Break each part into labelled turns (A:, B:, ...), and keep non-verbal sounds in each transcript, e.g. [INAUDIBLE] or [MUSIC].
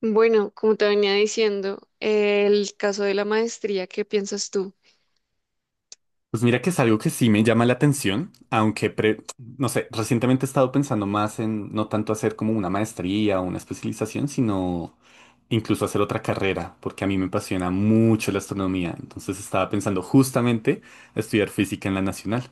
A: Bueno, como te venía diciendo, el caso de la maestría, ¿qué piensas tú?
B: Pues mira que es algo que sí me llama la atención, aunque, no sé, recientemente he estado pensando más en no tanto hacer como una maestría o una especialización, sino incluso hacer otra carrera, porque a mí me apasiona mucho la astronomía. Entonces estaba pensando justamente estudiar física en la nacional.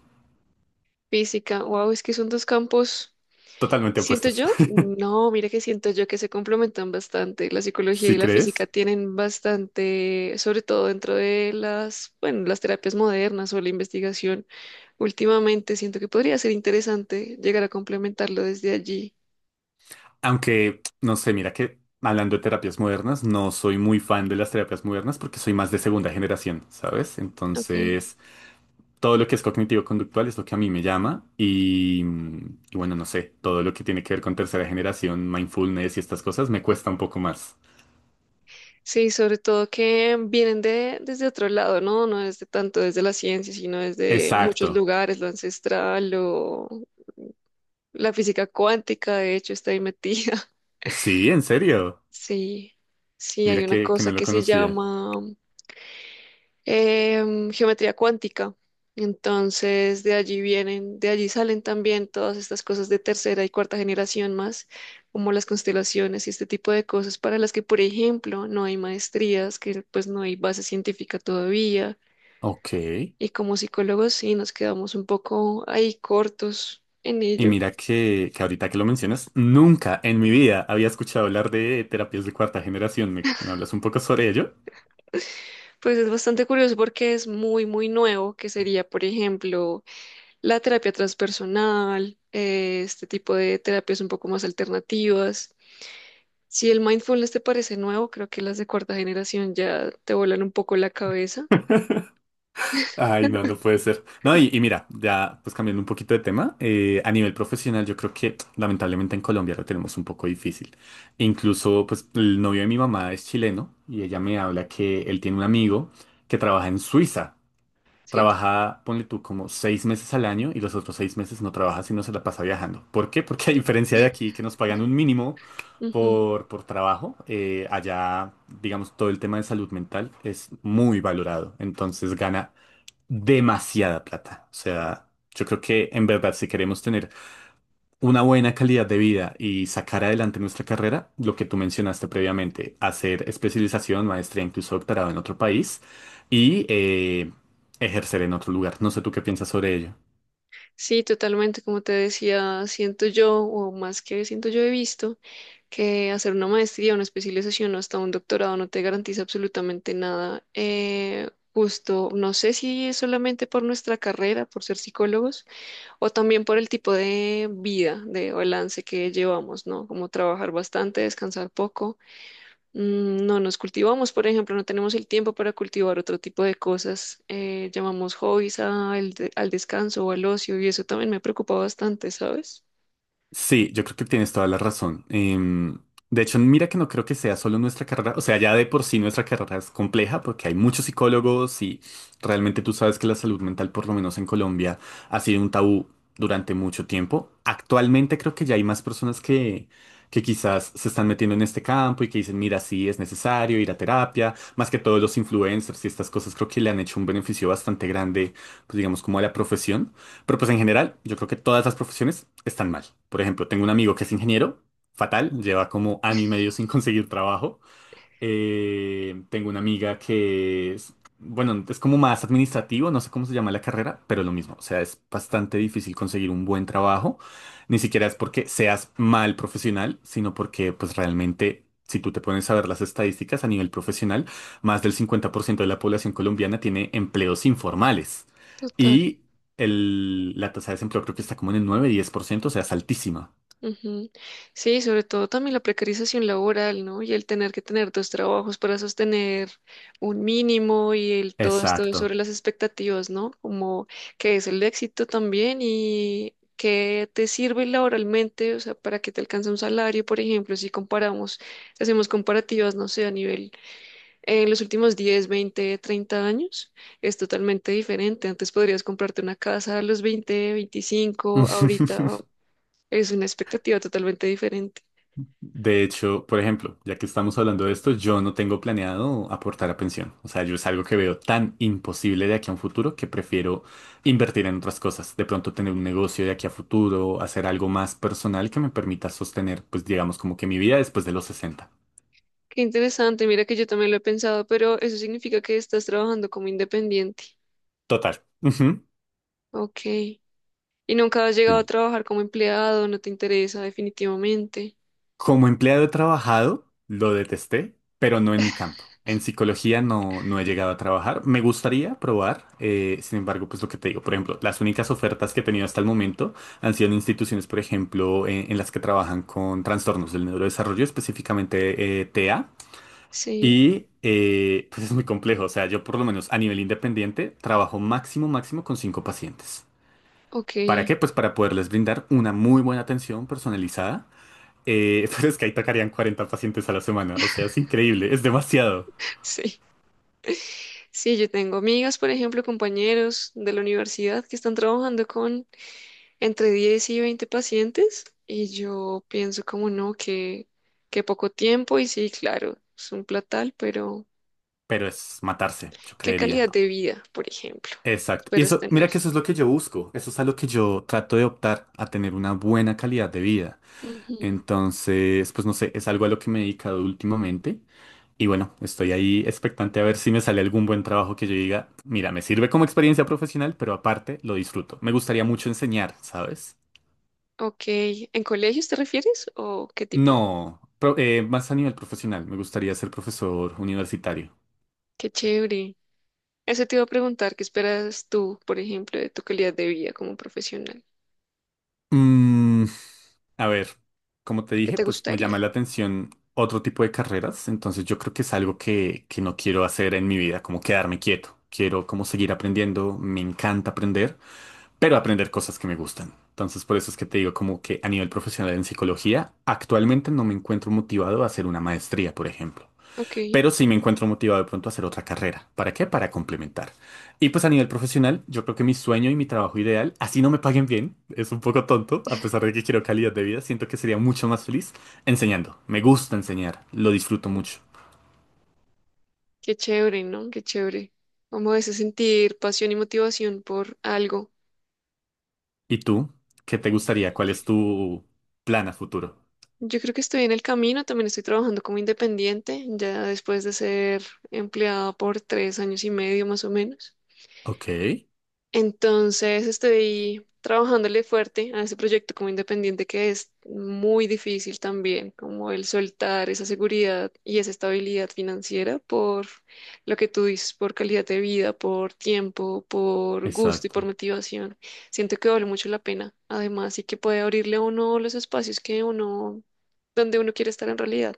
A: Física, wow, es que son dos campos,
B: Totalmente
A: siento
B: opuestas.
A: yo,
B: [LAUGHS]
A: no, mira que siento yo que se complementan bastante. La psicología y
B: ¿Sí
A: la física
B: crees?
A: tienen bastante, sobre todo dentro de bueno, las terapias modernas o la investigación. Últimamente siento que podría ser interesante llegar a complementarlo desde allí.
B: Aunque, no sé, mira que hablando de terapias modernas, no soy muy fan de las terapias modernas porque soy más de segunda generación, ¿sabes?
A: Ok.
B: Entonces, todo lo que es cognitivo-conductual es lo que a mí me llama y bueno, no sé, todo lo que tiene que ver con tercera generación, mindfulness y estas cosas me cuesta un poco más.
A: Sí, sobre todo que vienen desde otro lado, ¿no? No desde tanto desde la ciencia, sino desde muchos
B: Exacto.
A: lugares, lo ancestral, lo, la física cuántica, de hecho, está ahí metida. [LAUGHS]
B: Sí, en serio.
A: Sí, sí, hay
B: Mira
A: una
B: que
A: cosa
B: no lo
A: que se
B: conocía.
A: llama geometría cuántica. Entonces, de allí vienen, de allí salen también todas estas cosas de tercera y cuarta generación más, como las constelaciones y este tipo de cosas para las que, por ejemplo, no hay maestrías, que pues no hay base científica todavía,
B: Ok.
A: y como psicólogos sí nos quedamos un poco ahí cortos en
B: Y
A: ello.
B: mira que ahorita que lo mencionas, nunca en mi vida había escuchado hablar de terapias de cuarta generación. ¿Me hablas un poco sobre ello?
A: Pues es bastante curioso porque es muy, muy nuevo, que sería, por ejemplo, la terapia transpersonal, este tipo de terapias un poco más alternativas. Si el mindfulness te parece nuevo, creo que las de cuarta generación ya te vuelan un poco la cabeza.
B: [LAUGHS] Ay, no, no puede ser. No, y mira, ya pues cambiando un poquito de tema, a nivel profesional yo creo que lamentablemente en Colombia lo tenemos un poco difícil. Incluso pues el novio de mi mamá es chileno y ella me habla que él tiene un amigo que trabaja en Suiza.
A: Sí.
B: Trabaja, ponle tú, como 6 meses al año y los otros 6 meses no trabaja sino se la pasa viajando. ¿Por qué? Porque a diferencia de aquí que nos pagan un mínimo
A: Ujú.
B: por trabajo, allá, digamos, todo el tema de salud mental es muy valorado. Entonces gana demasiada plata. O sea, yo creo que en verdad si queremos tener una buena calidad de vida y sacar adelante nuestra carrera, lo que tú mencionaste previamente, hacer especialización, maestría, incluso doctorado en otro país y ejercer en otro lugar. No sé tú qué piensas sobre ello.
A: Sí, totalmente. Como te decía, siento yo, o más que siento yo, he visto que hacer una maestría, una especialización o hasta un doctorado no te garantiza absolutamente nada. Justo, no sé si es solamente por nuestra carrera, por ser psicólogos, o también por el tipo de vida, de balance que llevamos, ¿no? Como trabajar bastante, descansar poco. Mm, no nos cultivamos, por ejemplo, no tenemos el tiempo para cultivar otro tipo de cosas. Eh, llamamos hobbies al descanso o al ocio y eso también me preocupa bastante, ¿sabes?
B: Sí, yo creo que tienes toda la razón. De hecho, mira que no creo que sea solo nuestra carrera, o sea, ya de por sí nuestra carrera es compleja porque hay muchos psicólogos y realmente tú sabes que la salud mental, por lo menos en Colombia, ha sido un tabú durante mucho tiempo. Actualmente creo que ya hay más personas que quizás se están metiendo en este campo y que dicen, mira, sí, es necesario ir a terapia, más que todos los influencers y estas cosas creo que le han hecho un beneficio bastante grande, pues digamos, como a la profesión. Pero pues en general, yo creo que todas las profesiones están mal. Por ejemplo, tengo un amigo que es ingeniero, fatal, lleva como año y medio sin [LAUGHS] conseguir trabajo. Tengo una amiga que es, bueno, es como más administrativo, no sé cómo se llama la carrera, pero lo mismo, o sea, es bastante difícil conseguir un buen trabajo, ni siquiera es porque seas mal profesional, sino porque pues realmente, si tú te pones a ver las estadísticas a nivel profesional, más del 50% de la población colombiana tiene empleos informales
A: Total.
B: y la tasa de desempleo creo que está como en el 9-10%, o sea, es altísima.
A: Ujú. Sí, sobre todo también la precarización laboral, ¿no? Y el tener que tener dos trabajos para sostener un mínimo y el todo esto sobre
B: Exacto.
A: las expectativas, ¿no? Como qué es el éxito también y qué te sirve laboralmente, o sea, para que te alcance un salario, por ejemplo, si comparamos, hacemos comparativas, no sé, a nivel en los últimos 10, 20, 30 años es totalmente diferente. Antes podrías comprarte una casa a los 20, 25. Ahorita
B: [LAUGHS]
A: es una expectativa totalmente diferente.
B: De hecho, por ejemplo, ya que estamos hablando de esto, yo no tengo planeado aportar a pensión. O sea, yo es algo que veo tan imposible de aquí a un futuro que prefiero invertir en otras cosas. De pronto tener un negocio de aquí a futuro, hacer algo más personal que me permita sostener, pues digamos, como que mi vida después de los 60.
A: Qué interesante, mira que yo también lo he pensado, pero eso significa que estás trabajando como independiente.
B: Total. Ujú.
A: Ok. Y nunca has llegado a
B: Sí.
A: trabajar como empleado, no te interesa definitivamente.
B: Como empleado he trabajado, lo detesté, pero no en mi campo. En psicología no he llegado a trabajar. Me gustaría probar, sin embargo, pues lo que te digo, por ejemplo, las únicas ofertas que he tenido hasta el momento han sido en instituciones, por ejemplo, en las que trabajan con trastornos del neurodesarrollo, específicamente TEA.
A: Sí,
B: Y pues es muy complejo, o sea, yo por lo menos a nivel independiente trabajo máximo, máximo con 5 pacientes.
A: ok,
B: ¿Para
A: [LAUGHS]
B: qué? Pues para poderles brindar una muy buena atención personalizada, [LAUGHS] pero es que ahí tocarían 40 pacientes a la semana. O sea, es increíble, es demasiado.
A: sí. Sí, yo tengo amigas, por ejemplo, compañeros de la universidad que están trabajando con entre 10 y 20 pacientes y yo pienso como no, que poco tiempo y sí, claro, es un platal, pero
B: Pero es matarse, yo
A: ¿qué
B: creería.
A: calidad de vida, por ejemplo,
B: Exacto. Y
A: esperas
B: eso, mira
A: tener?
B: que eso es lo que yo busco. Eso es a lo que yo trato de optar, a tener una buena calidad de vida.
A: Ujú.
B: Entonces, pues no sé, es algo a lo que me he dedicado últimamente. Y bueno, estoy ahí expectante a ver si me sale algún buen trabajo que yo diga, mira, me sirve como experiencia profesional, pero aparte lo disfruto. Me gustaría mucho enseñar, ¿sabes?
A: Ok, ¿en colegios te refieres o qué tipo?
B: No, más a nivel profesional, me gustaría ser profesor universitario.
A: Qué chévere. Eso te iba a preguntar, ¿qué esperas tú, por ejemplo, de tu calidad de vida como profesional?
B: Mm, a ver, como te
A: ¿Qué
B: dije,
A: te
B: pues me
A: gustaría?
B: llama la atención otro tipo de carreras, entonces yo creo que es algo que no quiero hacer en mi vida, como quedarme quieto. Quiero como seguir aprendiendo, me encanta aprender, pero aprender cosas que me gustan. Entonces por eso es que te digo como que a nivel profesional en psicología, actualmente no me encuentro motivado a hacer una maestría, por ejemplo.
A: Ok,
B: Pero sí me encuentro motivado de pronto a hacer otra carrera. ¿Para qué? Para complementar. Y pues a nivel profesional, yo creo que mi sueño y mi trabajo ideal, así no me paguen bien, es un poco tonto; a pesar de que quiero calidad de vida, siento que sería mucho más feliz enseñando. Me gusta enseñar, lo disfruto mucho.
A: qué chévere, ¿no? Qué chévere. Como ese sentir pasión y motivación por algo.
B: ¿Y tú? ¿Qué te gustaría? ¿Cuál es tu plan a futuro?
A: Yo creo que estoy en el camino, también estoy trabajando como independiente, ya después de ser empleada por 3 años y medio más o menos.
B: Ok,
A: Entonces estoy trabajándole fuerte a ese proyecto como independiente que es muy difícil también, como el soltar esa seguridad y esa estabilidad financiera por lo que tú dices, por calidad de vida, por tiempo, por gusto y por
B: exacto.
A: motivación. Siento que vale mucho la pena, además, y que puede abrirle a uno los espacios que uno, donde uno quiere estar en realidad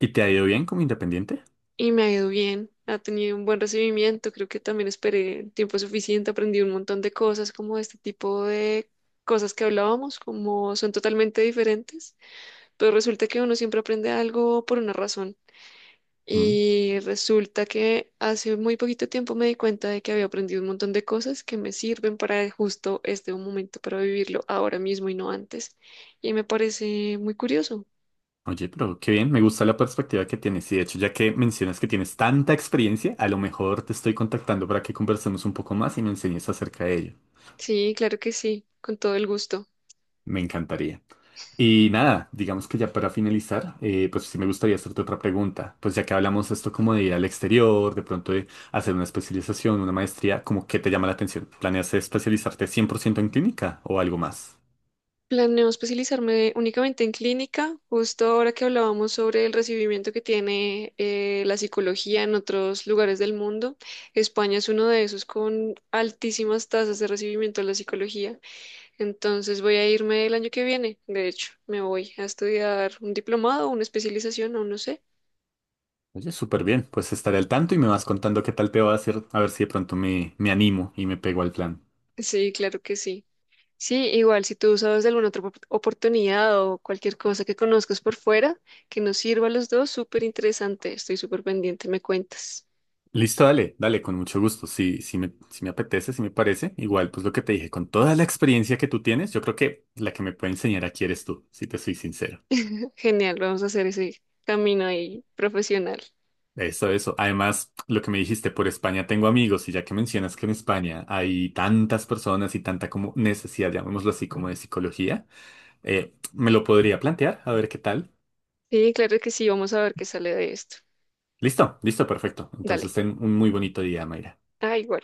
B: ¿Y te ha ido bien como independiente?
A: y me ha ido bien, ha tenido un buen recibimiento, creo que también esperé el tiempo suficiente, aprendí un montón de cosas como de este tipo de cosas que hablábamos, como son totalmente diferentes, pero resulta que uno siempre aprende algo por una razón.
B: Mm.
A: Y resulta que hace muy poquito tiempo me di cuenta de que había aprendido un montón de cosas que me sirven para justo este momento, para vivirlo ahora mismo y no antes. Y me parece muy curioso.
B: Oye, pero qué bien, me gusta la perspectiva que tienes y de hecho ya que mencionas que tienes tanta experiencia, a lo mejor te estoy contactando para que conversemos un poco más y me enseñes acerca de ello.
A: Sí, claro que sí, con todo el gusto.
B: Me encantaría. Y nada, digamos que ya para finalizar, pues sí me gustaría hacerte otra pregunta. Pues ya que hablamos esto como de ir al exterior, de pronto de hacer una especialización, una maestría, ¿cómo qué te llama la atención? ¿Planeas especializarte 100% en clínica o algo más?
A: Planeo especializarme únicamente en clínica, justo ahora que hablábamos sobre el recibimiento que tiene la psicología en otros lugares del mundo. España es uno de esos con altísimas tasas de recibimiento de la psicología. Entonces voy a irme el año que viene, de hecho, me voy a estudiar un diplomado, una especialización, aún no sé.
B: Oye, súper bien, pues estaré al tanto y me vas contando qué tal te va a hacer, a ver si de pronto me animo y me pego al plan.
A: Sí, claro que sí. Sí, igual si tú sabes de alguna otra oportunidad o cualquier cosa que conozcas por fuera que nos sirva a los dos, súper interesante. Estoy súper pendiente, me cuentas.
B: Listo, dale, dale, con mucho gusto. Si me apetece, si me parece. Igual, pues lo que te dije, con toda la experiencia que tú tienes, yo creo que la que me puede enseñar aquí eres tú, si te soy sincero.
A: Genial, vamos a hacer ese camino ahí profesional.
B: Eso, eso. Además, lo que me dijiste, por España tengo amigos, y ya que mencionas que en España hay tantas personas y tanta como necesidad, llamémoslo así, como de psicología, me lo podría plantear, a ver qué tal.
A: Sí, claro que sí, vamos a ver qué sale de esto.
B: Listo, listo, perfecto. Entonces,
A: Dale.
B: ten un muy bonito día, Mayra.
A: Ah, igual.